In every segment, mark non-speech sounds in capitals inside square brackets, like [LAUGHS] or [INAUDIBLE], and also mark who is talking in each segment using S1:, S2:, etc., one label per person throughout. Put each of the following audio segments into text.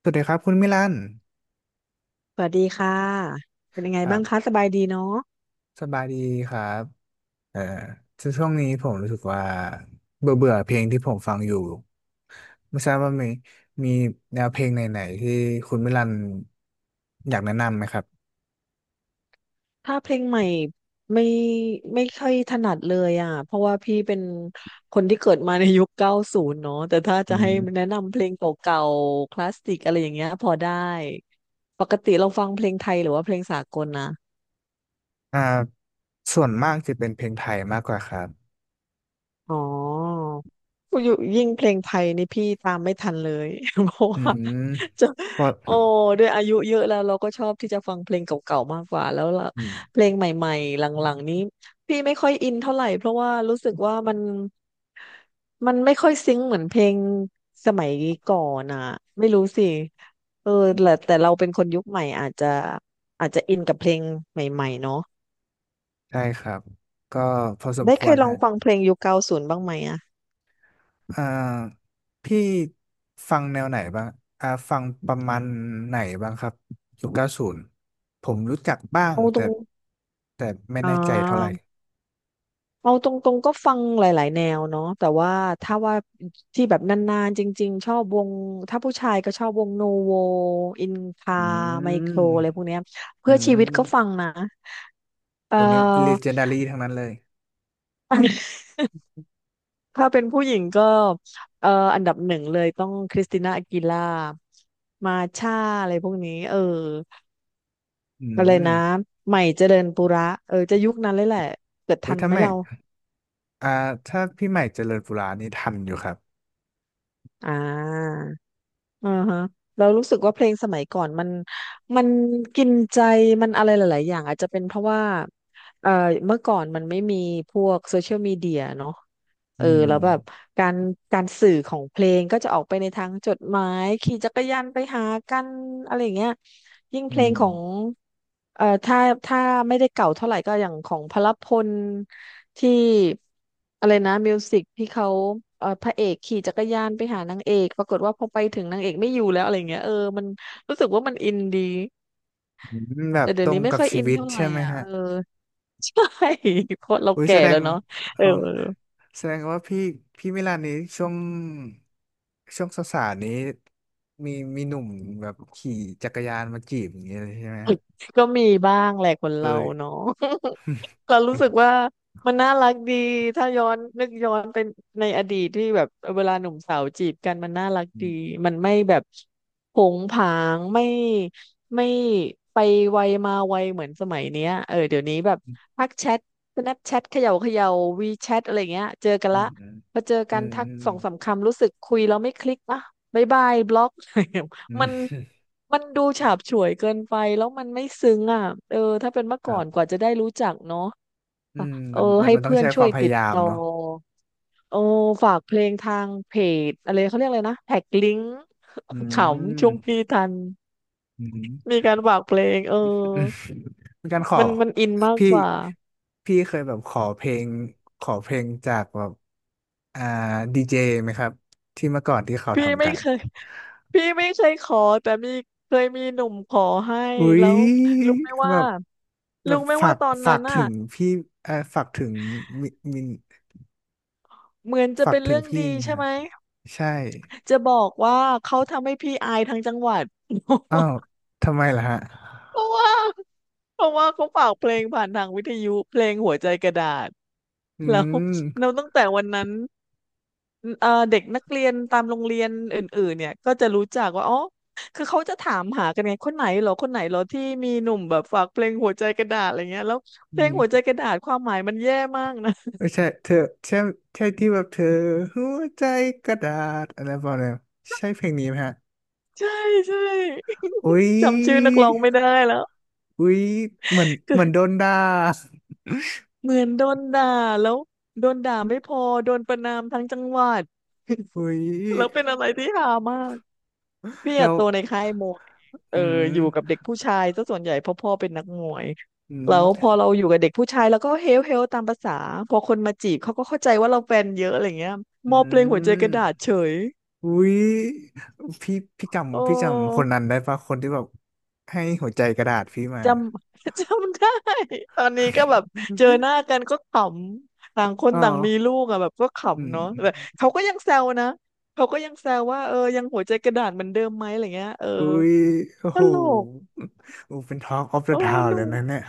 S1: สวัสดีครับคุณมิลัน
S2: สวัสดีค่ะ เป็นยังไง
S1: ครั
S2: บ้างคะ
S1: บ
S2: สบายดีเนาะ
S1: สบายดีครับเอ่อช่วงนี้ผมรู้สึกว่าเบื่อเบื่อเพลงที่ผมฟังอยู่ไม่ทราบว่ามีแนวเพลงไหนๆที่คุณมิลันอยากแนะนำไหมครับ
S2: ถ้าเพลงใหม่ไม่ไม่ค่อยถนัดเลยอ่ะเพราะว่าพี่เป็นคนที่เกิดมาในยุค 90 เนาะแต่ถ้า
S1: อื
S2: จะให้
S1: ม
S2: แนะนำเพลงเก่าๆคลาสสิกอะไรอย่างเงี้ยพอได้ ปกติเราฟังเพลงไทยหรือว่าเพลงสากลนะ
S1: อ่าส่วนมากจะเป็นเพลงไทยมากกว่าครับ
S2: อ๋ออยู่ยิ่งเพลงไทยนี่พี่ตามไม่ทันเลย [LAUGHS] เพราะ
S1: อื
S2: ว่า
S1: ม
S2: จะ
S1: พอ
S2: โอ้ด้วยอายุเยอะแล้วเราก็ชอบที่จะฟังเพลงเก่าๆมากกว่าแล้วละ
S1: อืม
S2: เพลงใหม่ๆหลังๆนี้พี่ไม่ค่อยอินเท่าไหร่เพราะว่ารู้สึกว่ามันไม่ค่อยซิงค์เหมือนเพลงสมัยก่อนอ่ะไม่รู้สิเออแต่เราเป็นคนยุคใหม่อาจจะอินกับเพลงใหม่ๆเนาะ
S1: ใช่ครับก็พอสม
S2: ได้
S1: ค
S2: เค
S1: วร
S2: ยลอ
S1: ฮะ
S2: งฟังเพลงยุคเก้าศูนย์บ้างไหมอ่ะ
S1: อ่าพี่ฟังแนวไหนบ้างฟังประมาณไหนบ้างครับยุค90ผมรู้จักบ้าง
S2: โอ้ตร
S1: แต่
S2: ง
S1: แต่ไม่
S2: อ่
S1: แน่ใจเท่าไหร่
S2: า เอาตรงๆก็ฟังหลายๆแนวเนาะแต่ว่าถ้าว่าที่แบบนานๆจริงๆชอบวงถ้าผู้ชายก็ชอบวงโนโวอินคา
S1: อื
S2: ไมโค
S1: ม
S2: รอะไรพวกเนี้ย
S1: อื
S2: เพื่อชีวิต
S1: ม
S2: ก็ฟังนะเอ่อ
S1: คนนี้ legendary ทั้งนั้นเลย
S2: [LAUGHS] ถ้าเป็นผู้หญิงก็เอ่ออันดับหนึ่งเลยต้องคริสติน่าอากีล่ามาช่าอะไรพวกนี้เออ
S1: อื
S2: อะไรนะ
S1: ม
S2: ใหม่เจริญปุระเออจะยุคนั้นเลยแหละเกิด
S1: เฮ้
S2: ทั
S1: ย
S2: นไหมเรา
S1: อ่าถ้าพี่ใหม่เจริญปุรานี่ทันอยู่ครับ
S2: อ่า อ่าฮะเรารู้สึกว่าเพลงสมัยก่อนมันกินใจมันอะไรหลายๆอย่างอาจจะเป็นเพราะว่าเอ่อเมื่อก่อนมันไม่มีพวกโซเชียลมีเดียเนาะ เอ
S1: อื
S2: อ
S1: ม
S2: แล้วแบบการการสื่อของเพลงก็จะออกไปในทางจดหมายขี่จักรยานไปหากันอะไรอย่างเงี้ยยิ่งเพ
S1: อื
S2: ลง
S1: ม
S2: ของเอ่อถ้าถ้าไม่ได้เก่าเท่าไหร่ก็อย่างของพหลพลที่อะไรนะมิวสิกที่เขาพระเอกขี่จักรยานไปหานางเอกปรากฏว่าพอไปถึงนางเอกไม่อยู่แล้วอะไรเงี้ยเออมันรู้สึกว่ามันอินดี
S1: อืมแบ
S2: แต่
S1: บต
S2: เดี๋ย
S1: ร
S2: วนี้
S1: ง
S2: ไม่
S1: กับ
S2: ค่อย
S1: ชี
S2: อิน
S1: วิต
S2: เท่าไหร่
S1: ใช่ไหม
S2: อ่ะ
S1: ฮะ
S2: เออ [LAUGHS] ใช่ [LAUGHS] เพราะเรา
S1: อุ้ย
S2: แก่แล้วเนาะเอ
S1: เอ
S2: อ
S1: อ แสดงว่าพี่มิลานนี้ช่วงสาวๆนี้มีมีหนุ่มแบบขี่จักรยานมาจีบอย่างเงี้ยเลยใช่ไหมฮะ
S2: [LAUGHS] ก็มีบ้างแหละคน
S1: เอ้
S2: เรา
S1: ย
S2: เนาะ [LAUGHS] เรา
S1: [LAUGHS]
S2: รู้สึก
S1: อื
S2: ว่ามันน่ารักดีถ้าย้อนนึกย้อนเป็นในอดีตที่แบบเวลาหนุ่มสาวจีบกันมันน่ารักดี
S1: ม
S2: มันไม่แบบผงผางไม่ไปไวมาไวเหมือนสมัยเนี้ยเออเดี๋ยวนี้แบบทักแชท Snapchat เขย่าวีแชทอะไรเงี้ยเจอกัน
S1: อื
S2: ละ
S1: มอืม
S2: พอเจอ
S1: อื
S2: กัน
S1: ม
S2: ทัก
S1: อื
S2: สอ
S1: ม
S2: งสามคำรู้สึกคุยแล้วไม่คลิกนะบ๊ายบายบล็อก
S1: อื
S2: มัน
S1: ม
S2: มันดูฉาบฉวยเกินไปแล้วมันไม่ซึ้งอ่ะเออถ้าเป็นเมื่อ
S1: ค
S2: ก่อ
S1: รั
S2: นกว่า
S1: บ
S2: จะได้รู้จักเนาะ
S1: อื
S2: อ่ะ
S1: ม
S2: เออ
S1: มันมัน
S2: ให้
S1: มันต้อ
S2: เพื่
S1: ง
S2: อน
S1: ใช้ค
S2: ช่ว
S1: วา
S2: ย
S1: มพ
S2: ติ
S1: ยา
S2: ด
S1: ยาม
S2: ต่อ
S1: เนาะ
S2: เออฝากเพลงทางเพจอะไรเขาเรียกอะไรนะแท็กลิงก์
S1: อื
S2: [LAUGHS] ขำช่วง
S1: ม
S2: พี่ทัน
S1: อืมอืม
S2: มีการฝากเพลงเออ
S1: เป็นการขอ
S2: มันอินมาก
S1: พี่
S2: กว่า
S1: พี่เคยแบบขอเพลงจากแบบอ่าดีเจไหมครับที่เมื่อก่อนที่เขา
S2: พี่
S1: ทำ
S2: ไม่
S1: กัน
S2: เคย [LAUGHS] พี่ไม่เคยขอแต่มีเคยมีหนุ่มขอให้
S1: อุ๊
S2: แล้ว
S1: ย
S2: รู้ไหม
S1: แบ
S2: ว่า
S1: บแบ
S2: รู้
S1: บ
S2: ไหม
S1: ฝา
S2: ว่า
S1: ก
S2: ตอน
S1: ฝา
S2: นั้
S1: ก
S2: นอ่ะ
S1: ถึงพี่เออฝากถึงมิมิน
S2: เหมือนจะ
S1: ฝาก
S2: เป็น
S1: ถึง
S2: เรื่อง
S1: พี่
S2: ดี
S1: ไง
S2: ใช่ไหม
S1: ฮะใช่
S2: จะบอกว่าเขาทำให้พี่อายทั้งจังหวัด
S1: อ้าว
S2: [LAUGHS]
S1: ทำไมล่ะฮะ
S2: เพราะว่าเพราะว่าเขาฝากเพลงผ่านทางวิทยุเพลงหัวใจกระดาษ
S1: อื
S2: แล้ว
S1: ม
S2: ตั้งแต่วันนั้นเด็กนักเรียนตามโรงเรียนอื่นๆเนี่ยก็จะรู้จักว่าอ๋อคือเขาจะถามหากันไงคนไหนเหรอที่มีหนุ่มแบบฝากเพลงหัวใจกระดาษอะไรเงี้ยแล้ว
S1: อื
S2: เพลงหัวใจ
S1: ม
S2: กระดาษความหมายมันแย่มากนะ
S1: ไม่ใช่เธอใช่ใช่ที่แบบเธอหัวใจกระดาษอะไรประมาณนั้นใช่เพลงนี้ไหมฮะ
S2: [LAUGHS] ใช่ใช่
S1: อุ๊ย
S2: [LAUGHS] จำชื่อนักร้องไม่ได้แล้ว
S1: อุ๊ยเหมือนโดนด่า
S2: เหมือนโดนด่าแล้วโดนด่าไม่พอโดนประณามทั้งจังหวัด
S1: อุ๊ย
S2: [LAUGHS] แล้วเป็นอะไรที่ฮามากพี่
S1: เรา
S2: อะโตในค่ายมวยเออ
S1: อื
S2: อยู่กับ
S1: ม
S2: เด็กผู้ชายซะส่วนใหญ่เพราะพ่อเป็นนักมวย
S1: อื
S2: แล้
S1: ม
S2: วพอเราอยู่กับเด็กผู้ชายแล้วก็เฮลตามภาษาพอคนมาจีบเขาก็เข้าใจว่าเราแฟนเยอะอะไรเงี้ยม
S1: อื
S2: อบเพลงหัวใจก
S1: ม
S2: ระดาษเฉย
S1: อุ้ยพี่พี่
S2: โอ
S1: จำพี่จำค
S2: ้
S1: นนั้นได้ปะคนที่แบบให้หัวใจกระดาษพี่มา
S2: จำ [LAUGHS] จำได้ตอนนี้ก็แบบเจอหน้ากันก็ขำต่า
S1: [LAUGHS]
S2: งคน
S1: อ๋อ
S2: ต่างมีลูกอะแบบก็
S1: อื
S2: ขำเนาะแบบ
S1: ม
S2: เขาก็ยังแซวนะเขาก็ยังแซวว่าเออยังหัวใจกระดาษเหมือนเดิมไหมอะไรเงี้ยเออ
S1: อุ้ยโอ้
S2: ต
S1: โห
S2: ลก
S1: โอ้เป็นt ออฟ of
S2: เอ
S1: the
S2: อ
S1: Town
S2: หนู
S1: เลยนะเนี่ย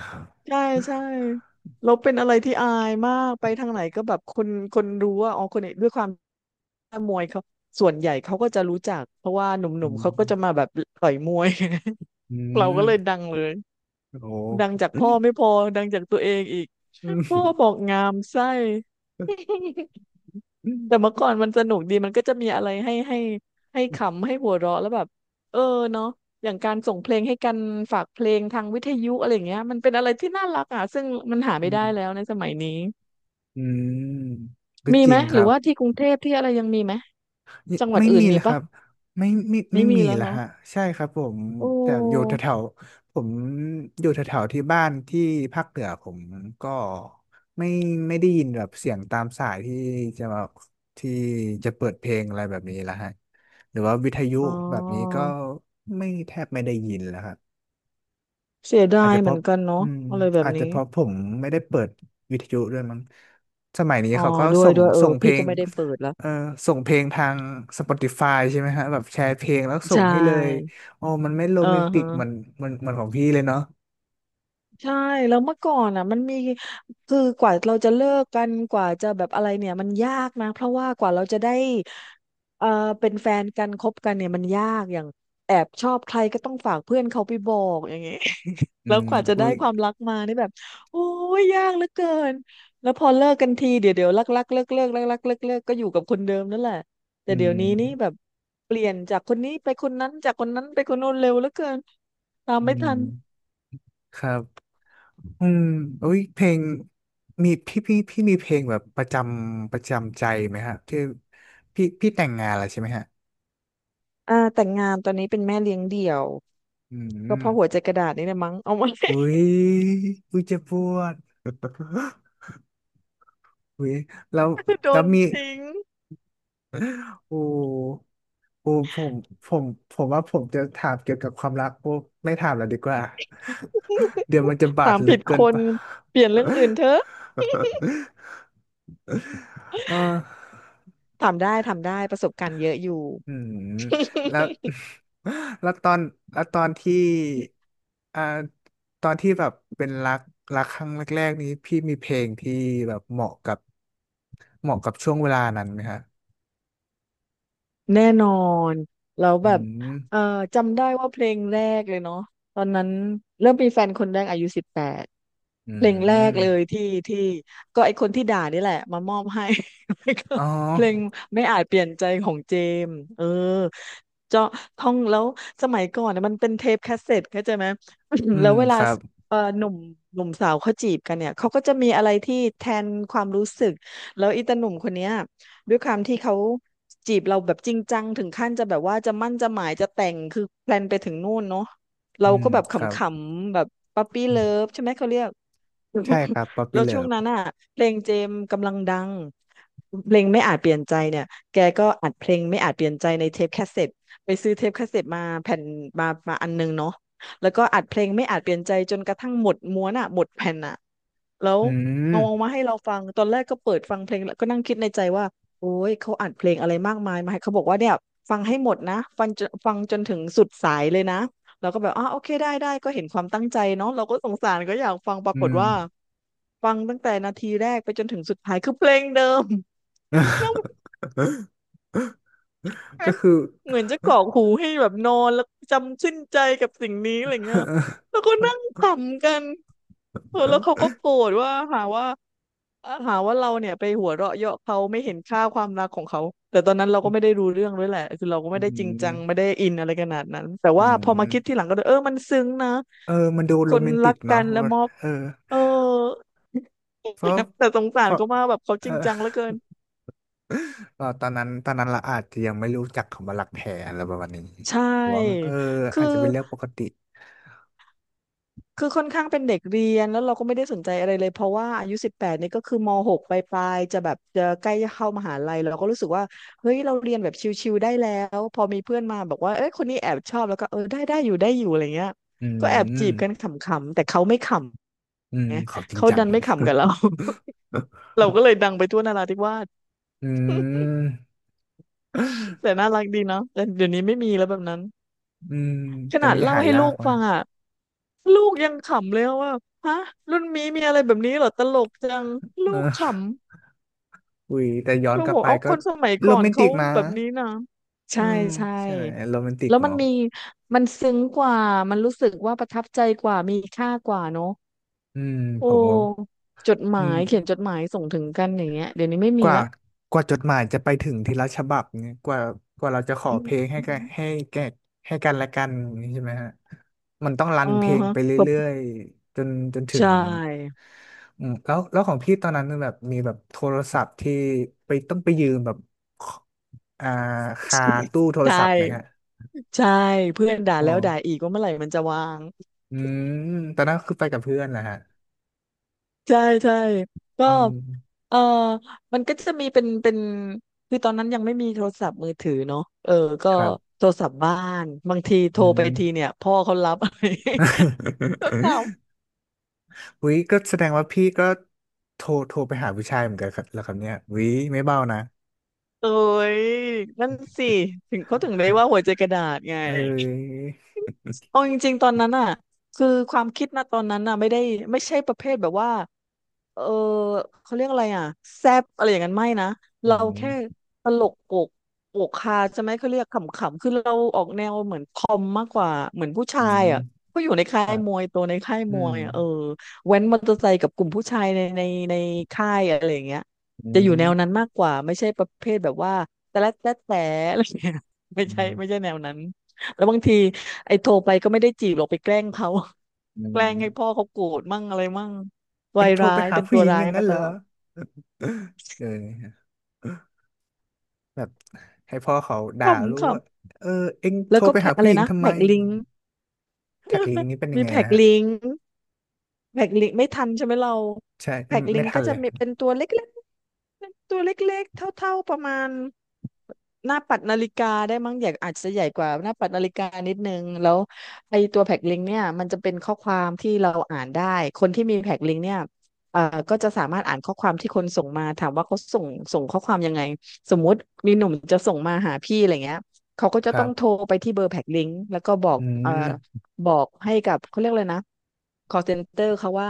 S2: ใช่ใช่เราเป็นอะไรที่อายมากไปทางไหนก็แบบคนรู้ว่าอ๋อคนนี้ด้วยความมวยเขาส่วนใหญ่เขาก็จะรู้จักเพราะว่าหนุ
S1: อื
S2: ่มๆเขาก็จะมา
S1: ม
S2: แบบต่อยมวย
S1: อื
S2: [LAUGHS] เราก็เลย
S1: ม
S2: ดังเลย
S1: โอ้โห
S2: ดังจากพ่อไม่พอดังจากตัวเองอีก
S1: อื
S2: พ่อ
S1: ม
S2: บอกงามไส้แต่
S1: อื
S2: เมื่อก่อนมันสนุกดีมันก็จะมีอะไรให้ขำให้หัวเราะแล้วแบบเออเนาะอย่างการส่งเพลงให้กันฝากเพลงทางวิทยุอะไรอย่างเงี้ยมันเป็นอะไรที่น่ารักอ่ะซึ่งมันหาไม่ได้แล้ว
S1: ม
S2: ในสมัยนี้
S1: อืมก็
S2: มี
S1: จ
S2: ไห
S1: ริ
S2: ม
S1: งค
S2: หรื
S1: รั
S2: อ
S1: บ
S2: ว่าที่กรุงเทพที่อะไรยังมีไหม
S1: ไม่
S2: จังหวัด
S1: ไม่
S2: อื่น
S1: มีเล
S2: มี
S1: ยค
S2: ปะ
S1: รับ ไม่ไม่
S2: ไม่
S1: ไม่
S2: มี
S1: มี
S2: แล้ว
S1: ละ
S2: เนาะ
S1: ฮะใช่ครับผม
S2: โอ
S1: แต่อยู่แถ
S2: ้
S1: วๆผมอยู่แถวๆที่บ้านที่ภาคเหนือผมก็ไม่ไม่ได้ยินแบบเสียงตามสายที่จะแบบที่จะเปิดเพลงอะไรแบบนี้ละฮะหรือว่าวิทยุ
S2: อ๋อ
S1: แบบนี้ก็ไม่แทบไม่ได้ยินแล้วฮะ
S2: เสีย
S1: อา
S2: ดา
S1: จ
S2: ย
S1: จะเพ
S2: เหมือ
S1: ราะ
S2: นกัน
S1: อื
S2: เนาะ
S1: ม
S2: อะไรแบบ
S1: อาจจะ
S2: นี้
S1: เพราะผมไม่ได้เปิดวิทยุด้วยมั้งสมัยนี้
S2: อ๋อ
S1: เขาก็
S2: ด้ว
S1: ส่
S2: ย
S1: ง
S2: ด้วยเออ
S1: ส่งเพ
S2: พี่
S1: ล
S2: ก็
S1: ง
S2: ไม่ได้เปิดแล้ว
S1: เออส่งเพลงทาง Spotify ใช่ไหมฮะ แบบแชร์เพลงแล้วส่
S2: ใช
S1: งให้เลย
S2: ่
S1: อ๋อมันไม่โร
S2: เออ
S1: แมนติก
S2: ฮะ
S1: เหมือนเหมือนของพี่เลยเนาะ
S2: ใช่แล้วเมื่อก่อนอ่ะมันมีคือกว่าเราจะเลิกกันกว่าจะแบบอะไรเนี่ยมันยากนะเพราะว่ากว่าเราจะได้เอ่อเป็นแฟนกันคบกันเนี่ยมันยากอย่างแอบชอบใครก็ต้องฝากเพื่อนเขาไปบอกอย่างเงี้ย [LAUGHS]
S1: อื
S2: แล้ว
S1: ม
S2: กว่าจะ
S1: อุ้
S2: ได้
S1: ย
S2: ความรักมานี่แบบโอ้ยยากเหลือเกินแล้วพอเลิกกันทีเดี๋ยวรักรักเลิกเลิกรักรักเลิกเลิกก็อยู่กับคนเดิมนั่นแหละแต่
S1: อื
S2: เดี๋ยวนี้นี่แบ
S1: ม
S2: บเปลี่ยนจากคนนี้ไปคนนั้นจากคนนั้นไปคนโน้นเร็วเหลือเกินตาม
S1: อื
S2: ไม่
S1: ม
S2: ทัน
S1: ครับอืมอุ้ยเพลงมีพี่พี่พี่มีเพลงแบบประจำใจไหมฮะที่พี่แต่งงานแล้วใช่ไหมฮะ
S2: อ่าแต่งงานตอนนี้เป็นแม่เลี้ยงเดี่ยว
S1: อื
S2: ก็เพราะหัว
S1: ม
S2: ใจกระดาษนี่แหละมั้งเอามา
S1: อุ้ยอุ้ยเจ็บปวด [GASPS] อุ้ยแล้ว
S2: [LAUGHS] โด
S1: แล้ว
S2: น
S1: มี
S2: ทิ้ง
S1: โอ้โอ้ผมผมว่าผมจะถามเกี่ยวกับความรักโอ้ไม่ถามแล้วดีกว่า [LAUGHS] เดี๋ยวมันจะบา
S2: ถา
S1: ด
S2: ม
S1: ลึ
S2: ผิ
S1: ก
S2: ด
S1: เกิ
S2: ค
S1: นไป
S2: นเปลี่ยนเรื่องอื่นเถอะ
S1: [LAUGHS] เออ
S2: ถามได้ถามได้ประสบการณ์เยอะอยู่
S1: อืมแล้ว
S2: [LAUGHS]
S1: [LAUGHS] แล้วตอนแล้วตอนที่อ่าตอนที่แบบเป็นรักครั้งแรกๆนี้พี่มีเพลงที่แบบเหมาะกับช่วงเวลานั้นไหมฮะ
S2: แน่นอนแล้ว
S1: อื
S2: แบบเอ่อ
S1: ม
S2: จำได้ว่าเพลงแรกเลยเนาะตอนนั้นเริ่มมีแฟนคนแรกอายุสิบแปด
S1: อื
S2: เพลงแรกเลย
S1: ม
S2: ที่ก็ไอคนที่ด่านี่แหละมามอบให้ [LAUGHS] แล้วก็
S1: อ๋
S2: เพลง
S1: อ
S2: ไม่อาจเปลี่ยนใจของเจมส์เออเจาะท่องแล้วสมัยก่อนนะมันเป็นเทปแคสเซ็ตเข้าใจไหม [COUGHS]
S1: อื
S2: [CLEARS THROAT] แล้
S1: ม
S2: วเว
S1: ค
S2: ลา
S1: รับ
S2: เออหนุ่มหนุ่มสาวเขาจีบกันเนี่ยเขาก็จะมีอะไรที่แทนความรู้สึกแล้วอีตาหนุ่มคนเนี้ยด้วยความที่เขาจีบเราแบบจริงจังถึงขั้นจะแบบว่าจะมั่นจะหมายจะแต่งคือแพลนไปถึงนู่นเนาะเรา
S1: อืม
S2: ก็แบบข
S1: ครับ
S2: ำๆแบบปั๊ปปี้
S1: อื
S2: เลิ
S1: ม
S2: ฟใช่ไหมเขาเรียก [LAUGHS] รู้
S1: ใช่ครับป๊อป
S2: แล้
S1: ปี้
S2: วช่
S1: เลิ
S2: วง
S1: ฟ
S2: นั้นอ่ะเพลงเจมส์กำลังดังเพลงไม่อาจเปลี่ยนใจเนี่ยแกก็อัดเพลงไม่อาจเปลี่ยนใจในเทปแคสเซ็ตไปซื้อเทปแคสเซ็ตมาแผ่นมาอันนึงเนาะแล้วก็อัดเพลงไม่อาจเปลี่ยนใจจนกระทั่งหมดม้วนอ่ะหมดแผ่นอ่ะแล้ว
S1: อืม
S2: เอาออกมาให้เราฟังตอนแรกก็เปิดฟังเพลงแล้วก็นั่งคิดในใจว่าโอ้ยเขาอัดเพลงอะไรมากมายมาให้เขาบอกว่าเนี่ยฟังให้หมดนะฟังจนถึงสุดสายเลยนะ เราก็แบบอ่าโอเคได้ได้ก็เห็นความตั้งใจเนาะเราก็สงสารก็อยากฟังปรา
S1: อื
S2: กฏ
S1: ม
S2: ว่าฟังตั้งแต่นาทีแรกไปจนถึงสุดท้ายคือเพลงเดิม [LAUGHS] แล้วม
S1: [LAUGHS]
S2: ั
S1: ก็
S2: น
S1: คือ
S2: เหมือนจะกรอกหูให้แบบนอนแล้วจำชื่นใจกับสิ่งนี้อะไรเงี้ย
S1: [LAUGHS]
S2: แล้วก็นั่งขำกันเออแล้วเขาก็โกรธว่าหาว่า อะหาว่าเราเนี่ยไปหัวเราะเยาะเขาไม่เห็นค่าความรักของเขาแต่ตอนนั้นเราก็ไม่ได้รู้เรื่องด้วยแหละคือเราก็
S1: อื
S2: ไม่ได้จริงจังไม่
S1: ม
S2: ได้อินอะไรขนาดนั้นแต่
S1: อื
S2: ว่าพอมาคิดที่ห
S1: ม
S2: ลังก็เลยเออมันซึ้งนะ
S1: เออมันดู
S2: ค
S1: โร
S2: น
S1: แมน
S2: รั
S1: ติก
S2: กกั
S1: เนาะ
S2: นแล้วมอบ
S1: เออ
S2: เออ
S1: เพราะ
S2: [LAUGHS] แต่สงสา
S1: เพ
S2: ร
S1: ราะ
S2: เขามากแบบเขา
S1: เอ
S2: จ
S1: อ
S2: ริงจังเหลือเกิน
S1: [LAUGHS] ก็ตอนนั้นเราอาจจะยังไม่รู้จักคำว่ารักแท้อะไรประมาณนี้
S2: ใช่
S1: ผมว่าเออ
S2: คือ
S1: อาจจะเป็นเรื่องปกติ
S2: คือค่อนข้างเป็นเด็กเรียนแล้วเราก็ไม่ได้สนใจอะไรเลยเพราะว่าอายุสิบแปดนี่ก็คือมหกปลายๆจะแบบจะใกล้จะเข้ามหาลัยเราก็รู้สึกว่าเฮ้ยเราเรียนแบบชิวๆได้แล้วพอมีเพื่อนมาบอกว่าเอ้ยคนนี้แอบชอบแล้วก็เออได้ได้อยู่ได้อยู่อะไรเงี้ย
S1: อื
S2: ก็แอบจี
S1: ม
S2: บกันขำๆแต่เขาไม่ขำ
S1: อืมเขาจริง
S2: เขา
S1: จัง
S2: ดัน
S1: [LAUGHS]
S2: ไม่ขำกับเรา [LAUGHS] เราก็เลยดังไปทั่วนราธิวาส
S1: อืม
S2: แต่น่ารักดีเนาะแต่เดี๋ยวนี้ไม่มีแล้วแบบนั้น
S1: อืม
S2: ข
S1: ตอน
S2: นาด
S1: นี้
S2: เล่า
S1: หา
S2: ให้
S1: ยา
S2: ลู
S1: ก
S2: ก
S1: นะ
S2: ฟังอ่ะลูกยังขำเลยว่าฮะรุ่นนี้มีอะไรแบบนี้เหรอตลกจังลูก
S1: เอ
S2: ข
S1: อ
S2: ำ
S1: อุ้ยแต่ย้อน
S2: เรา
S1: กลั
S2: บ
S1: บ
S2: อก
S1: ไป
S2: เอา
S1: ก็
S2: คนสมัย
S1: โร
S2: ก่อน
S1: แมนติ
S2: เขา
S1: กนะ
S2: แบบนี้นะ
S1: อื
S2: ใช่
S1: ม
S2: ใช่
S1: ใช่ไหมโรแมนติก
S2: แล้วมัน
S1: เนาะ
S2: มีมันซึ้งกว่ามันรู้สึกว่าประทับใจกว่ามีค่ากว่าเนอะ
S1: อืม
S2: โอ
S1: ผมว่า
S2: ้จดห
S1: อื
S2: มา
S1: ม
S2: ยเขียนจดหมายส่งถึงกันอย่างเงี้ยเดี๋ยวนี้ไม่
S1: ก
S2: มี
S1: ว่า
S2: ละ
S1: กว่าจดหมายจะไปถึงทีละฉบับเนี่ยกว่าเราจะขอ
S2: อื
S1: เพล
S2: ม
S1: งให้กันและกันอย่างนี้ใช่ไหมฮะมันต้องรั
S2: อ๋
S1: น
S2: อ
S1: เพลง
S2: ฮะ
S1: ไปเรื่อยๆจนถึ
S2: ใช
S1: ง
S2: ่
S1: อืมแล้วของพี่ตอนนั้นแบบมีแบบโทรศัพท์ที่ต้องไปยืมแบบขอ่าคาตู้โท
S2: ใช
S1: รศัพท์ไหมฮะ
S2: ่ใช่เพื่อนด่า
S1: อ๋อ
S2: แล้วด่าอีกว่าเมื่อไหร่มันจะวาง
S1: อืมตอนนั้นคือไปกับเพื่อนแหละฮะ
S2: ใช่ใช่ก็
S1: อืม
S2: เออมันก็จะมีเป็นคือตอนนั้นยังไม่มีโทรศัพท์มือถือเนาะเออก็
S1: ครับ
S2: โทรศัพท์บ้านบางทีโท
S1: อื
S2: รไปที
S1: ม
S2: เนี่ยพ่อเขารับ [LAUGHS] ก็ถาม
S1: วิก็แสดงว่าพี่ก็โทรไปหาผู้ชายเหมือนกันครับแล้วครับเนี่ยวิไม่เบานะ
S2: โอ้ยนั่นสิถึงเขาถึงได้ว่าหัวใจกระดาษไง
S1: เอ้ย
S2: เอาจริงๆตอนนั้นอ่ะคือความคิดนะตอนนั้นอ่ะไม่ได้ไม่ใช่ประเภทแบบว่าเออเขาเรียกอะไรอ่ะแซบอะไรอย่างนั้นไม่นะ
S1: อื
S2: เราแค่
S1: ม
S2: ตลกโปกฮาใช่ไหมเขาเรียกขำๆคือเราออกแนวเหมือนคอมมากกว่าเหมือนผู้
S1: อื
S2: ชาย
S1: ม
S2: อ่ะก็อยู่ในค่า
S1: ค
S2: ย
S1: รับ
S2: มวยตัวในค่าย
S1: อื
S2: มว
S1: ม
S2: ยอ่ะแว้นมอเตอร์ไซค์กับกลุ่มผู้ชายในค่ายอะไรอย่างเงี้ย
S1: อื
S2: จะอยู่แนวนั้น
S1: ม
S2: มากกว่าไม่ใช่ประเภทแบบว่าแต่ละแต่แต่อะไรอย่างเงี้ยไม่
S1: อื
S2: ใช่
S1: ม
S2: ไม่ใช่แนวนั้น แล้วบางทีไอ้โทรไปก็ไม่ได้จีบหรอกไปแกล้งเขา
S1: อื
S2: [LAUGHS] แกล้งให้พ่อ
S1: ม
S2: เขาโกรธมั่งอะไรมั่ง
S1: เอ็
S2: วา
S1: ง
S2: ย
S1: โทร
S2: ร้า
S1: ไป
S2: ย
S1: หา
S2: เป็น
S1: ผู้
S2: ตัว
S1: หญิง
S2: ร้า
S1: อ
S2: ย
S1: ย่างนั้
S2: มา
S1: นเห
S2: ต
S1: รอ
S2: ลอด
S1: [LAUGHS] เออแบบให้พ่อเขาด่า
S2: ขำ
S1: รู้
S2: ข
S1: ว่าเออเอ็ง
S2: ำ
S1: โท
S2: แล้
S1: ร
S2: วก็
S1: ไป
S2: แพ็
S1: หา
S2: คอะ
S1: ผู้
S2: ไร
S1: หญิง
S2: นะ
S1: ทำไม
S2: แพ็กลิงก์
S1: แท็กลิงนี้เป็นยั
S2: มี
S1: งไง
S2: แพ็ก
S1: นะฮะ
S2: ลิงก์ แพ็กลิงกไม่ทันใช่ไหมเรา
S1: ใช่
S2: แพ็ก
S1: ไม่
S2: ลิ
S1: ไม่
S2: ง
S1: ทั
S2: ก็
S1: นเล
S2: จะ
S1: ย
S2: มีเป็นตัวเล็กๆเป็นตัวเล็กๆเท่าๆประมาณหน้าปัดนาฬิกาได้มั้งอยากอาจจะใหญ่กว่าหน้าปัดนาฬิกานิดนึงแล้วไอตัวแพ็กลิงเนี่ยมันจะเป็นข้อความที่เราอ่านได้คนที่มีแพ็กลิงกเนี่ยเอ่อก็จะสามารถอ่านข้อความที่คนส่งมาถามว่าเขาส่งข้อความยังไงสมมุติมีหนุ่มจะส่งมาหาพี่อะไรเงี้ยเขาก็จะ
S1: ครั
S2: ต้องโทร
S1: บ
S2: ไปที่เบอร์แพ็กลิงแล้วก็บอก
S1: อืม
S2: บอกให้กับเขาเรียกเลยนะ call center เขาว่า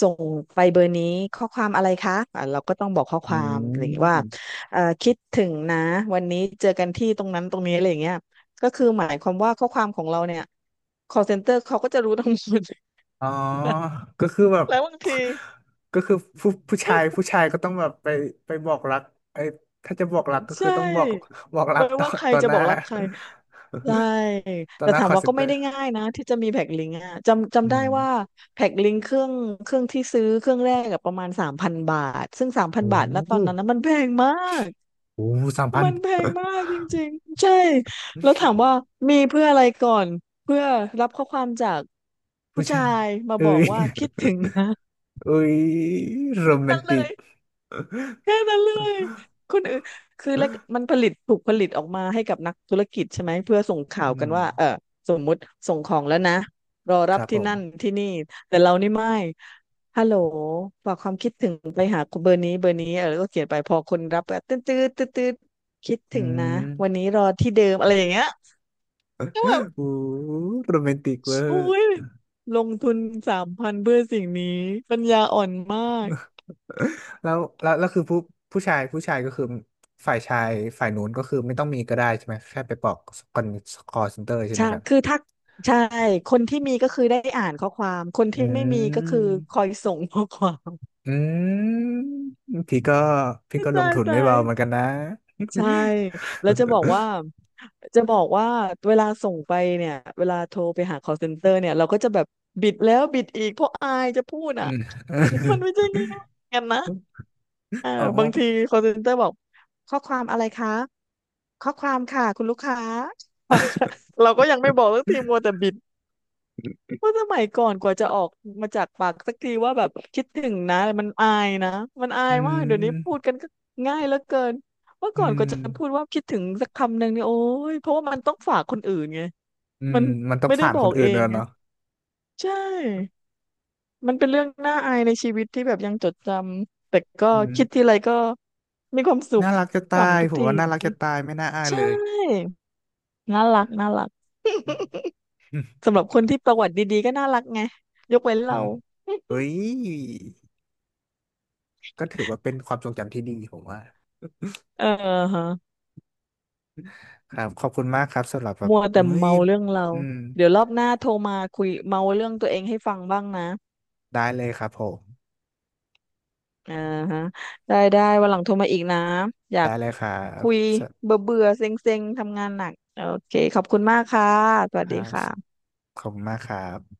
S2: ส่งไปเบอร์นี้ข้อความอะไรคะอ่ะเราก็ต้องบอกข้อค
S1: อื
S2: วามอะไรอย่างเงี้ยว่า
S1: ม
S2: คิดถึงนะวันนี้เจอกันที่ตรงนั้นตรงนี้อะไรอย่างเงี้ยก็คือหมายความว่าข้อความของเราเนี่ย call center เขาก็จะรู้ทั้งหมด
S1: อ๋อก็คือแบบ
S2: [LAUGHS] แล้วบางที
S1: [LAUGHS] ก็คือผู้ชายก็ต้องแบบไปบอกรักไอ้ถ้าจะบอกรักก็
S2: [LAUGHS]
S1: คือ
S2: ใช่
S1: ต้องบอก [LAUGHS] บอกรั
S2: ไม่
S1: กต่อ
S2: ว่าใคร
S1: ต่อ
S2: จะ
S1: ห
S2: บ
S1: น้า
S2: อกรักใคร ใช่
S1: [LAUGHS] ต่อ
S2: แต่
S1: หน้า
S2: ถา
S1: ค
S2: ม
S1: อล
S2: ว่า
S1: เซ็น
S2: ก็
S1: เตอ
S2: ไม่
S1: ร์
S2: ได้ง่ายนะที่จะมีแพ็คลิงก์อะจำ
S1: อื
S2: จำได้
S1: ม
S2: ว่าแพ็คลิงก์เครื่องที่ซื้อเครื่องแรกกับประมาณสามพันบาทซึ่งสามพัน
S1: โอ้
S2: บาทแล้วต
S1: โห
S2: อนนั้นนะมันแพงมาก
S1: โอ้3,000
S2: มันแพงมากจริงๆใช่แล้วถามว่ามีเพื่ออะไรก่อนเพื่อรับข้อความจากผู้
S1: ผู้
S2: ชา
S1: ชาย
S2: ยมา
S1: เอ้
S2: บอก
S1: ย
S2: ว่าคิดถึงนะ
S1: [LAUGHS] เอ้ยโรแมนติก
S2: แค่นั้นเลยคนอื่นคือแล้วมันผลิตถูกผลิตออกมาให้กับนักธุรกิจใช่ไหมเพื่อส่งข่า
S1: อื
S2: วกัน
S1: ม
S2: ว่าสมมุติส่งของแล้วนะรอ
S1: ค
S2: รับ
S1: รับผ
S2: ที่
S1: ม
S2: นั่นที่นี่แต่เรานี่ไม่ฮัลโหลฝากความคิดถึงไปหาเบอร์นี้เบอร์นี้แล้วก็เขียนไปพอคนรับก็ตื้อตื้อตื้อตื้อคิด
S1: อื
S2: ถึงนะวัน
S1: ม
S2: นี้รอที่เดิมอะไรอย่างเงี้ยก็
S1: โอ้
S2: แบบ
S1: โหโรแมนติกเวอร์
S2: โอ้ยลงทุนสามพันเพื่อสิ่งนี้ปัญญาอ่อนมาก
S1: แล้วคือผู้ชายก็คือฝ่ายชายฝ่ายนู้นก็คือไม่ต้องมีก็ได้ใช่ไหมแค่ไปบอกคอนคอลเซ็นเตอร์ใช่ไหม
S2: ใช่
S1: ครับ
S2: คือถ้าใช่คนที่มีก็คือได้อ่านข้อความคน
S1: อื
S2: ที่ไม่มีก็คือคอ
S1: ม
S2: ยส่งข้อความ
S1: อืมพี่ก็พี่ก็
S2: [LAUGHS]
S1: ลง
S2: ตาย
S1: ทุนไม่
S2: ตาย
S1: เบาเหมือนกันนะ
S2: ใช่แล้วจะบอกว่า
S1: [LAUGHS]
S2: จะบอกว่าเวลาส่งไปเนี่ยเวลาโทรไปหา call center เนี่ยเราก็จะแบบบิดแล้วบิดอีกเพราะอายจะพูด
S1: อื
S2: อ่ะ
S1: ม
S2: [LAUGHS] มันไม่ใช่ง่ายๆกันนะเออ
S1: อ๋
S2: บางที
S1: อ
S2: call center บอกข้อความอะไรคะข้อความค่ะคุณลูกค้าความค่ะ [LAUGHS] เราก็ยังไม่บอกสักทีมัวแต่บิด ว่าสมัยก่อนกว่าจะออกมาจากปากสักทีว่าแบบคิดถึงนะมันอายนะมันอา
S1: อื
S2: ยมากเดี๋ยวนี้พูด
S1: ม
S2: กันก็ง่ายเหลือเกินเมื่อ
S1: อื
S2: ก่อนก
S1: ม
S2: ว่าจะพูดว่าคิดถึงสักคำหนึ่งเนี่ยโอ้ยเพราะว่ามันต้องฝากคนอื่นไง
S1: อืม
S2: มัน
S1: มันต้อง
S2: ไม่ได้
S1: ผ่าน
S2: บอ
S1: คน
S2: ก
S1: อื่
S2: เอ
S1: นด้
S2: ง
S1: วย
S2: ไง
S1: เนาะ
S2: ใช่มันเป็นเรื่องน่าอายในชีวิตที่แบบยังจดจำแต่ก็
S1: อืม
S2: คิดทีไรก็มีความสุข
S1: น่ารักจะตาย
S2: ขำทุก
S1: ผม
S2: ที
S1: ว่าน่ารักจะตายไม่น่าอาย
S2: ใช
S1: เลย
S2: ่น่ารักน่ารัก
S1: อืม
S2: สำหรับคนที่ประวัติดีๆก็น่ารักไงยกเว้น
S1: อื
S2: เรา
S1: มเฮ้ยก็ถือว่าเป็นความทรงจำที่ดีผมว่า
S2: เออฮะ
S1: ครับขอบคุณมากครับสำหรับแบบ
S2: มัวแต่
S1: เฮ้ย
S2: เมาเรื่องเรา
S1: อืม
S2: เดี๋ยวรอบหน้าโทรมาคุยเมาเรื่องตัวเองให้ฟังบ้างนะ
S1: ได้เลยครับผม
S2: อ่าฮะได้ได้วันหลังโทรมาอีกนะอยา
S1: ได้
S2: ก
S1: เลยครับ
S2: คุย
S1: ส
S2: เบื่อเบื่อเซ็งเซ็งๆทำงานหนักโอเคขอบคุณมากค่ะส
S1: ค
S2: วัส
S1: รั
S2: ดี
S1: บ
S2: ค่ะ
S1: ขอบคุณมากครับ